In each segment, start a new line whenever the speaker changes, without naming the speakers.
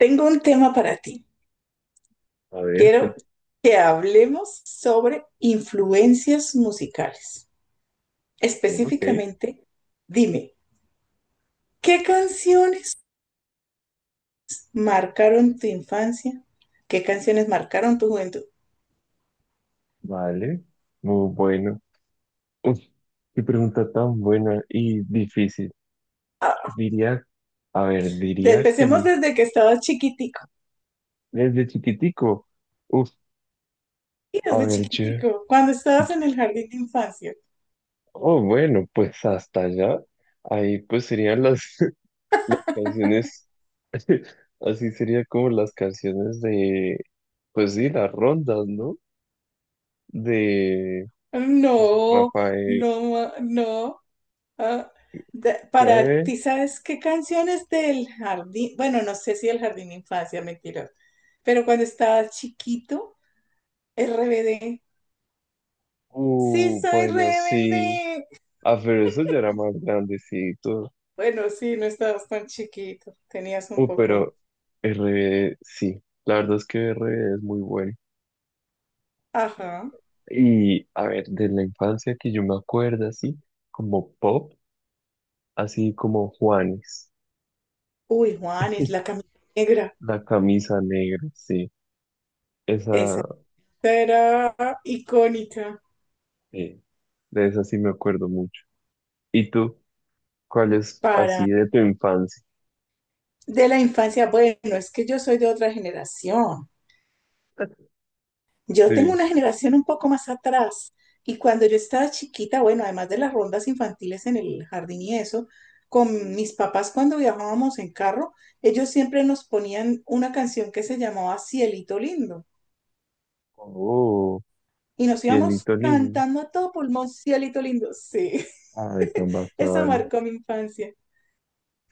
Tengo un tema para ti.
A ver,
Quiero
cuéntame.
que hablemos sobre influencias musicales.
Ok,
Específicamente, dime, ¿qué canciones marcaron tu infancia? ¿Qué canciones marcaron tu juventud?
vale. Muy bueno. Uf, qué pregunta tan buena y difícil.
Ah,
Diría, a ver, diría que
Empecemos
mi,
desde que estabas chiquitico.
desde chiquitico. Uf,
Sí,
a
desde
ver, yo.
chiquitico, cuando estabas en el jardín de infancia.
Oh, bueno, pues hasta allá. Ahí pues serían las, las canciones, así sería como las canciones de, pues sí, las rondas, ¿no? De, pues,
No,
Rafael.
no, no. Ah, para
¿Qué?
ti, ¿sabes qué canciones del jardín? Bueno, no sé si el jardín de infancia, mentira. Pero cuando estaba chiquito, RBD. Sí, soy
Bueno, sí.
rebelde.
Ah, pero eso ya era más grandecito.
Bueno, sí, no estabas tan chiquito. Tenías un poco más.
Pero RBD, sí, la verdad es que RBD es muy bueno.
Ajá.
Y a ver, de la infancia que yo me acuerdo así, como pop, así como Juanes,
Uy, Juan, es la camisa negra.
la camisa negra, sí,
Esa
esa,
era icónica
sí, de esa sí me acuerdo mucho. ¿Y tú? ¿Cuál es
para
así de tu infancia?
de la infancia. Bueno, es que yo soy de otra generación. Yo tengo
Sí.
una generación un poco más atrás y cuando yo estaba chiquita, bueno, además de las rondas infantiles en el jardín y eso, con mis papás cuando viajábamos en carro, ellos siempre nos ponían una canción que se llamaba Cielito Lindo
Oh,
y nos íbamos
hielito lindo.
cantando a todo pulmón, Cielito Lindo, sí,
Ah, de tan
esa
bastante.
marcó mi infancia,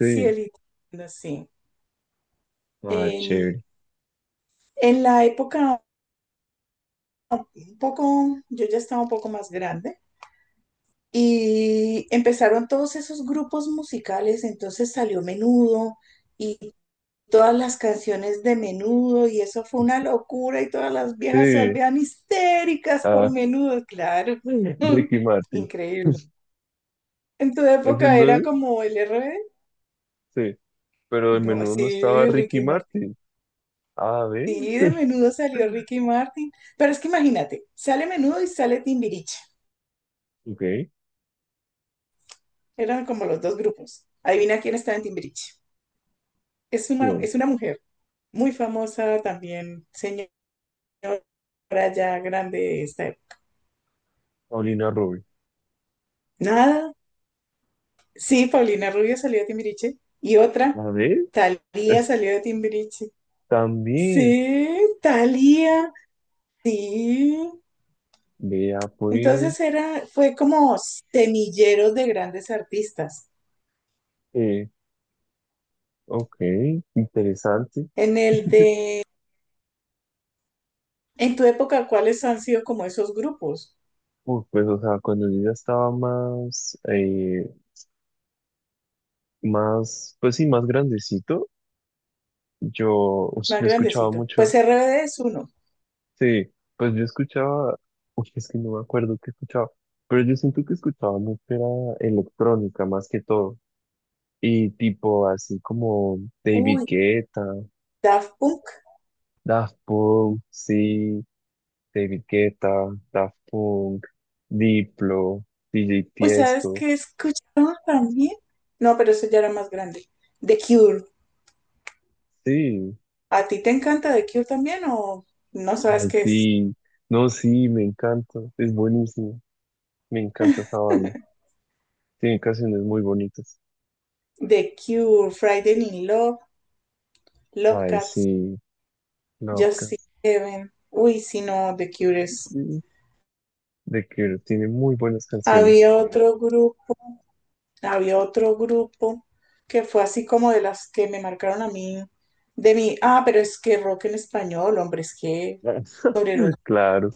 Sí.
Lindo, sí.
Ah,
En,
chévere.
en la época un poco, yo ya estaba un poco más grande. Y empezaron todos esos grupos musicales, entonces salió Menudo y todas las canciones de Menudo y eso fue una locura y todas las viejas se
Sí.
volvían histéricas por
Ah,
Menudo, claro.
Ricky Martin.
Increíble. ¿En tu época
Ese no
era
es,
como el RBD?
sí, pero el
No,
menú no estaba
sí,
Ricky
Ricky Martin.
Martin. A ver,
Sí, de Menudo salió Ricky Martin. Pero es que imagínate, sale Menudo y sale Timbiriche.
ok,
Eran como los dos grupos. Adivina quién estaba en Timbiriche. Es una,
bien.
es una mujer. Muy famosa también, señora ya grande de esta época.
Paulina Rubio.
Nada, sí, Paulina Rubio salió de Timbiriche. Y otra,
A ver,
Thalía
es-
salió de Timbiriche.
también,
Sí, Thalía, sí.
vea
Entonces
pues,
fue como semilleros de grandes artistas.
eh, ok, interesante.
En el de, en tu época, ¿cuáles han sido como esos grupos
Uf, pues, o sea, cuando yo ya estaba más, pues sí, más grandecito, pues,
más
yo escuchaba
grandecitos?
mucho,
Pues RBD es uno.
sí, pues yo escuchaba, uy, es que no me acuerdo qué escuchaba, pero yo siento que escuchaba mucho era electrónica más que todo. Y tipo así como David
Uy,
Guetta,
Daft Punk.
Daft Punk, sí, David Guetta, Daft Punk, Diplo, DJ
Uy, ¿sabes
Tiesto,
qué escuchaba también? No, pero eso ya era más grande. The Cure.
sí,
¿A ti te encanta The Cure también o no sabes
ay
qué es?
sí, no, sí, me encanta, es buenísimo, me encanta esa banda, tiene canciones muy bonitas,
The Cure, Friday in Love, Love
ay sí,
Cats, Just See
Lovecats,
Heaven. Uy, si no, The Cure es.
sí, The Cure tiene muy buenas canciones,
Había otro grupo, Había otro grupo que fue así como de las que me marcaron a mí, de mí. Ah, pero es que rock en español, hombre, es que sobre los
claro,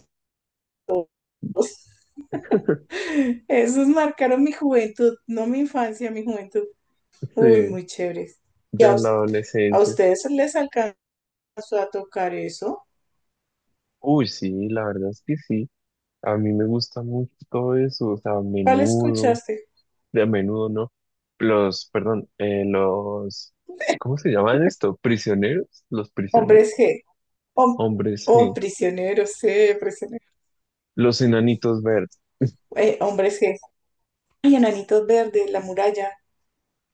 dos. Esos marcaron mi juventud, no mi infancia, mi juventud. Uy,
sí,
muy chévere. ¿Y
ya
a,
en la
us- ¿A
adolescencia,
ustedes les alcanzó a tocar eso?
uy sí, la verdad es que sí. A mí me gusta mucho todo eso, o sea, a
¿Cuál
menudo,
escuchaste?
de a menudo, ¿no? Los, perdón, los, ¿cómo se llaman esto? ¿Prisioneros? ¿Los prisioneros?
Hombres G. Hom-
Hombres,
oh,
sí.
prisioneros, sí, prisioneros.
Los enanitos verdes.
Hombres G. Y Enanitos Verdes, La Muralla,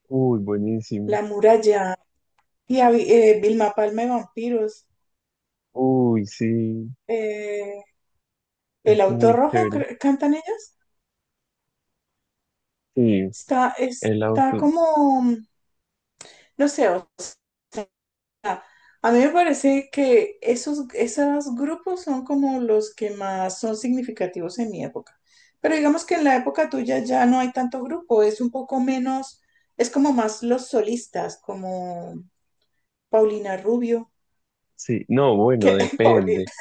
Uy, buenísimo.
La Muralla. Vilma Palma y Vampiros.
Uy, sí,
Eh, El
es
Auto
muy
Rojo,
chévere.
¿cantan ellos?
Sí,
Está,
el
está
auto,
como, no sé. A mí me parece que esos grupos son como los que más son significativos en mi época. Pero digamos que en la época tuya ya no hay tanto grupo, es un poco menos, es como más los solistas, como Paulina Rubio,
sí. No,
que
bueno, depende.
Paulina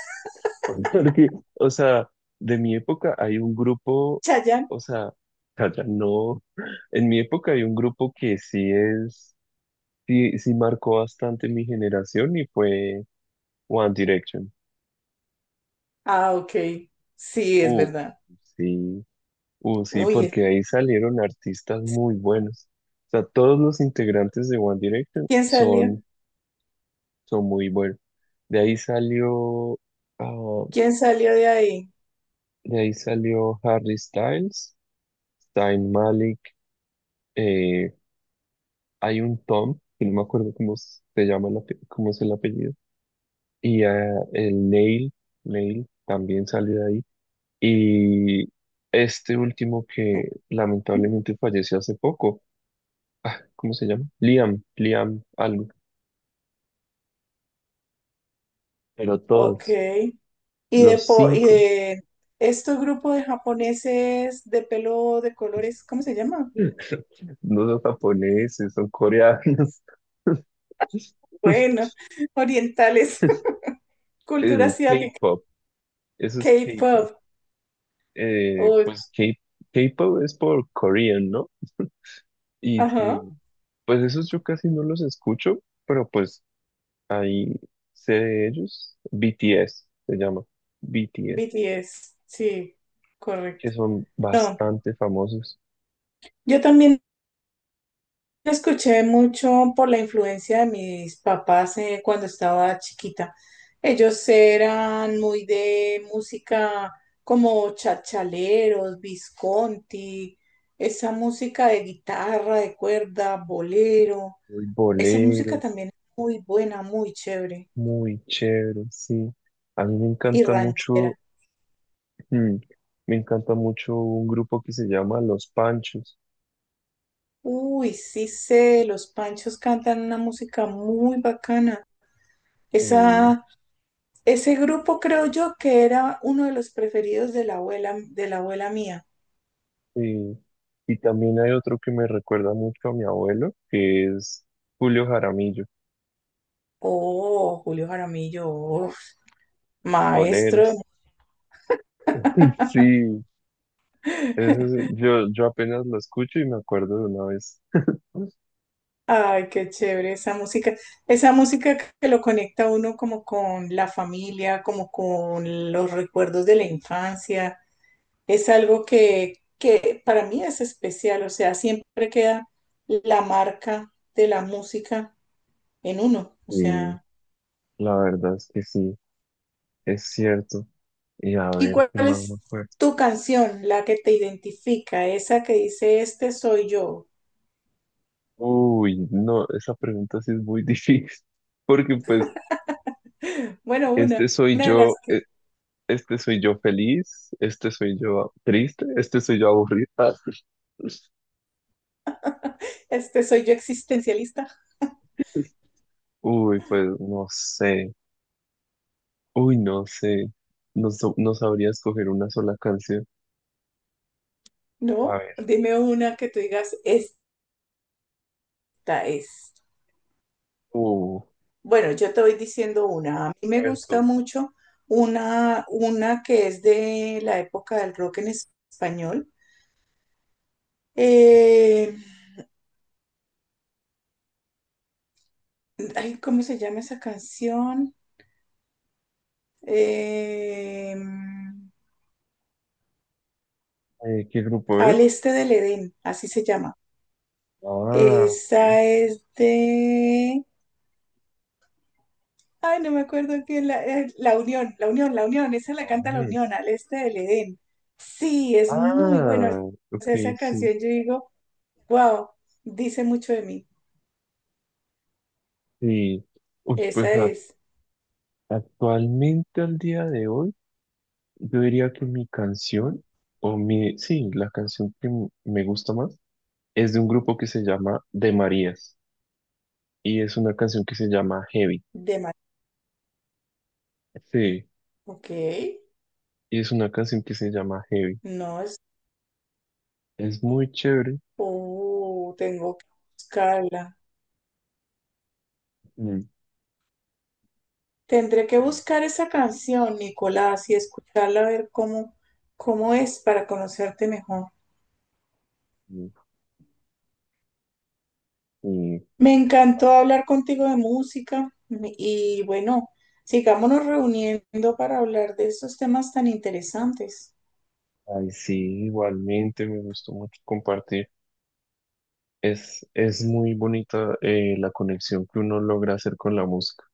Porque, o sea, de mi época hay un grupo,
Chayanne.
o sea, calla, no. En mi época hay un grupo que sí es. Sí, sí marcó bastante mi generación y fue One Direction.
Ah, ok. Sí, es
Uh,
verdad.
sí, sí,
Uy,
porque ahí salieron artistas muy buenos. O sea, todos los integrantes de One Direction
¿quién salió?
son, muy buenos. De ahí salió, ah,
¿Quién salió de ahí?
de ahí salió Harry Styles, Zayn Malik, eh, hay un Tom, que no me acuerdo cómo se llama, cómo es el apellido, y ah, el Neil también salió de ahí. Y este último que lamentablemente falleció hace poco, ah, ¿cómo se llama? Liam algo, pero
Ok.
todos, los
¿Y
cinco,
de estos grupos de japoneses de pelo de colores, cómo se llama?
no son japoneses, son coreanos.
Bueno, orientales, cultura
El
asiática,
K-pop, eso es K-pop.
K-pop, oh,
Pues K-pop es por Korean, ¿no? Y
ajá,
sí, pues esos yo casi no los escucho, pero pues ahí sé de ellos. BTS se llama, BTS.
BTS, sí,
Que
correcto.
son
No,
bastante famosos,
yo también lo escuché mucho por la influencia de mis papás cuando estaba chiquita. Ellos eran muy de música como chachaleros, Visconti, esa música de guitarra, de cuerda, bolero.
muy
Esa música
boleros,
también es muy buena, muy chévere
muy chéveres, sí. A mí me
y
encanta mucho,
ranchera.
mm, me encanta mucho un grupo que se llama Los Panchos.
Uy, sí sé, los Panchos cantan una música muy bacana.
eh,
Esa, Ese grupo creo yo que era uno de los preferidos de la abuela mía.
eh, y también hay otro que me recuerda mucho a mi abuelo, que es Julio Jaramillo,
Oh, Julio Jaramillo, oh, maestro.
boleros. Sí, yo apenas lo escucho y me acuerdo de una vez.
Ay, qué chévere esa música. Esa música que lo conecta a uno como con la familia, como con los recuerdos de la infancia. Es algo que para mí es especial, o sea, siempre queda la marca de la música en uno. O
Y
sea,
la verdad es que sí, es cierto. Y a
¿y
ver,
cuál
¿qué más me
es
acuerdo?
tu canción, la que te identifica, esa que dice, este soy yo?
Uy, no, esa pregunta sí es muy difícil, porque pues
Bueno,
este soy
una de las
yo,
que,
este soy yo feliz, este soy yo triste, este soy yo aburrido. Ah,
este soy yo existencialista,
uy, pues no sé, uy, no sé, no, no sabría escoger una sola canción. A
¿no?
ver,
Dime una que tú digas, esta es.
uh,
Bueno, yo te voy diciendo una. A mí me gusta
Alberto.
mucho una que es de la época del rock en español. Eh, Ay, ¿cómo se llama esa canción? Eh,
¿Qué grupo
Al
es?
este del Edén, así se llama.
Ah, ok,
Esa es de... Ay, no me acuerdo qué la, la Unión, esa la canta la
Junior.
Unión, al este del Edén. Sí, es muy bueno.
Ah,
O
ok,
sea, esa
sí,
canción yo digo, wow, dice mucho de mí.
sí. Uy,
Esa
pues
es
actualmente al día de hoy. Yo diría que mi canción, o mi, sí, la canción que me gusta más, es de un grupo que se llama De Marías. Y es una canción que se llama Heavy.
de Ma-
Sí,
Ok,
y es una canción que se llama Heavy.
no es...
Es muy chévere.
Tengo que buscarla.
Mm.
Tendré que
Y,
buscar esa canción, Nicolás, y escucharla a ver cómo, cómo es para conocerte mejor.
y- y,
Me encantó hablar contigo de y bueno, sigámonos reuniendo para hablar de esos temas tan interesantes.
ay, sí, igualmente me gustó mucho compartir. Es muy bonita, la conexión que uno logra hacer con la música.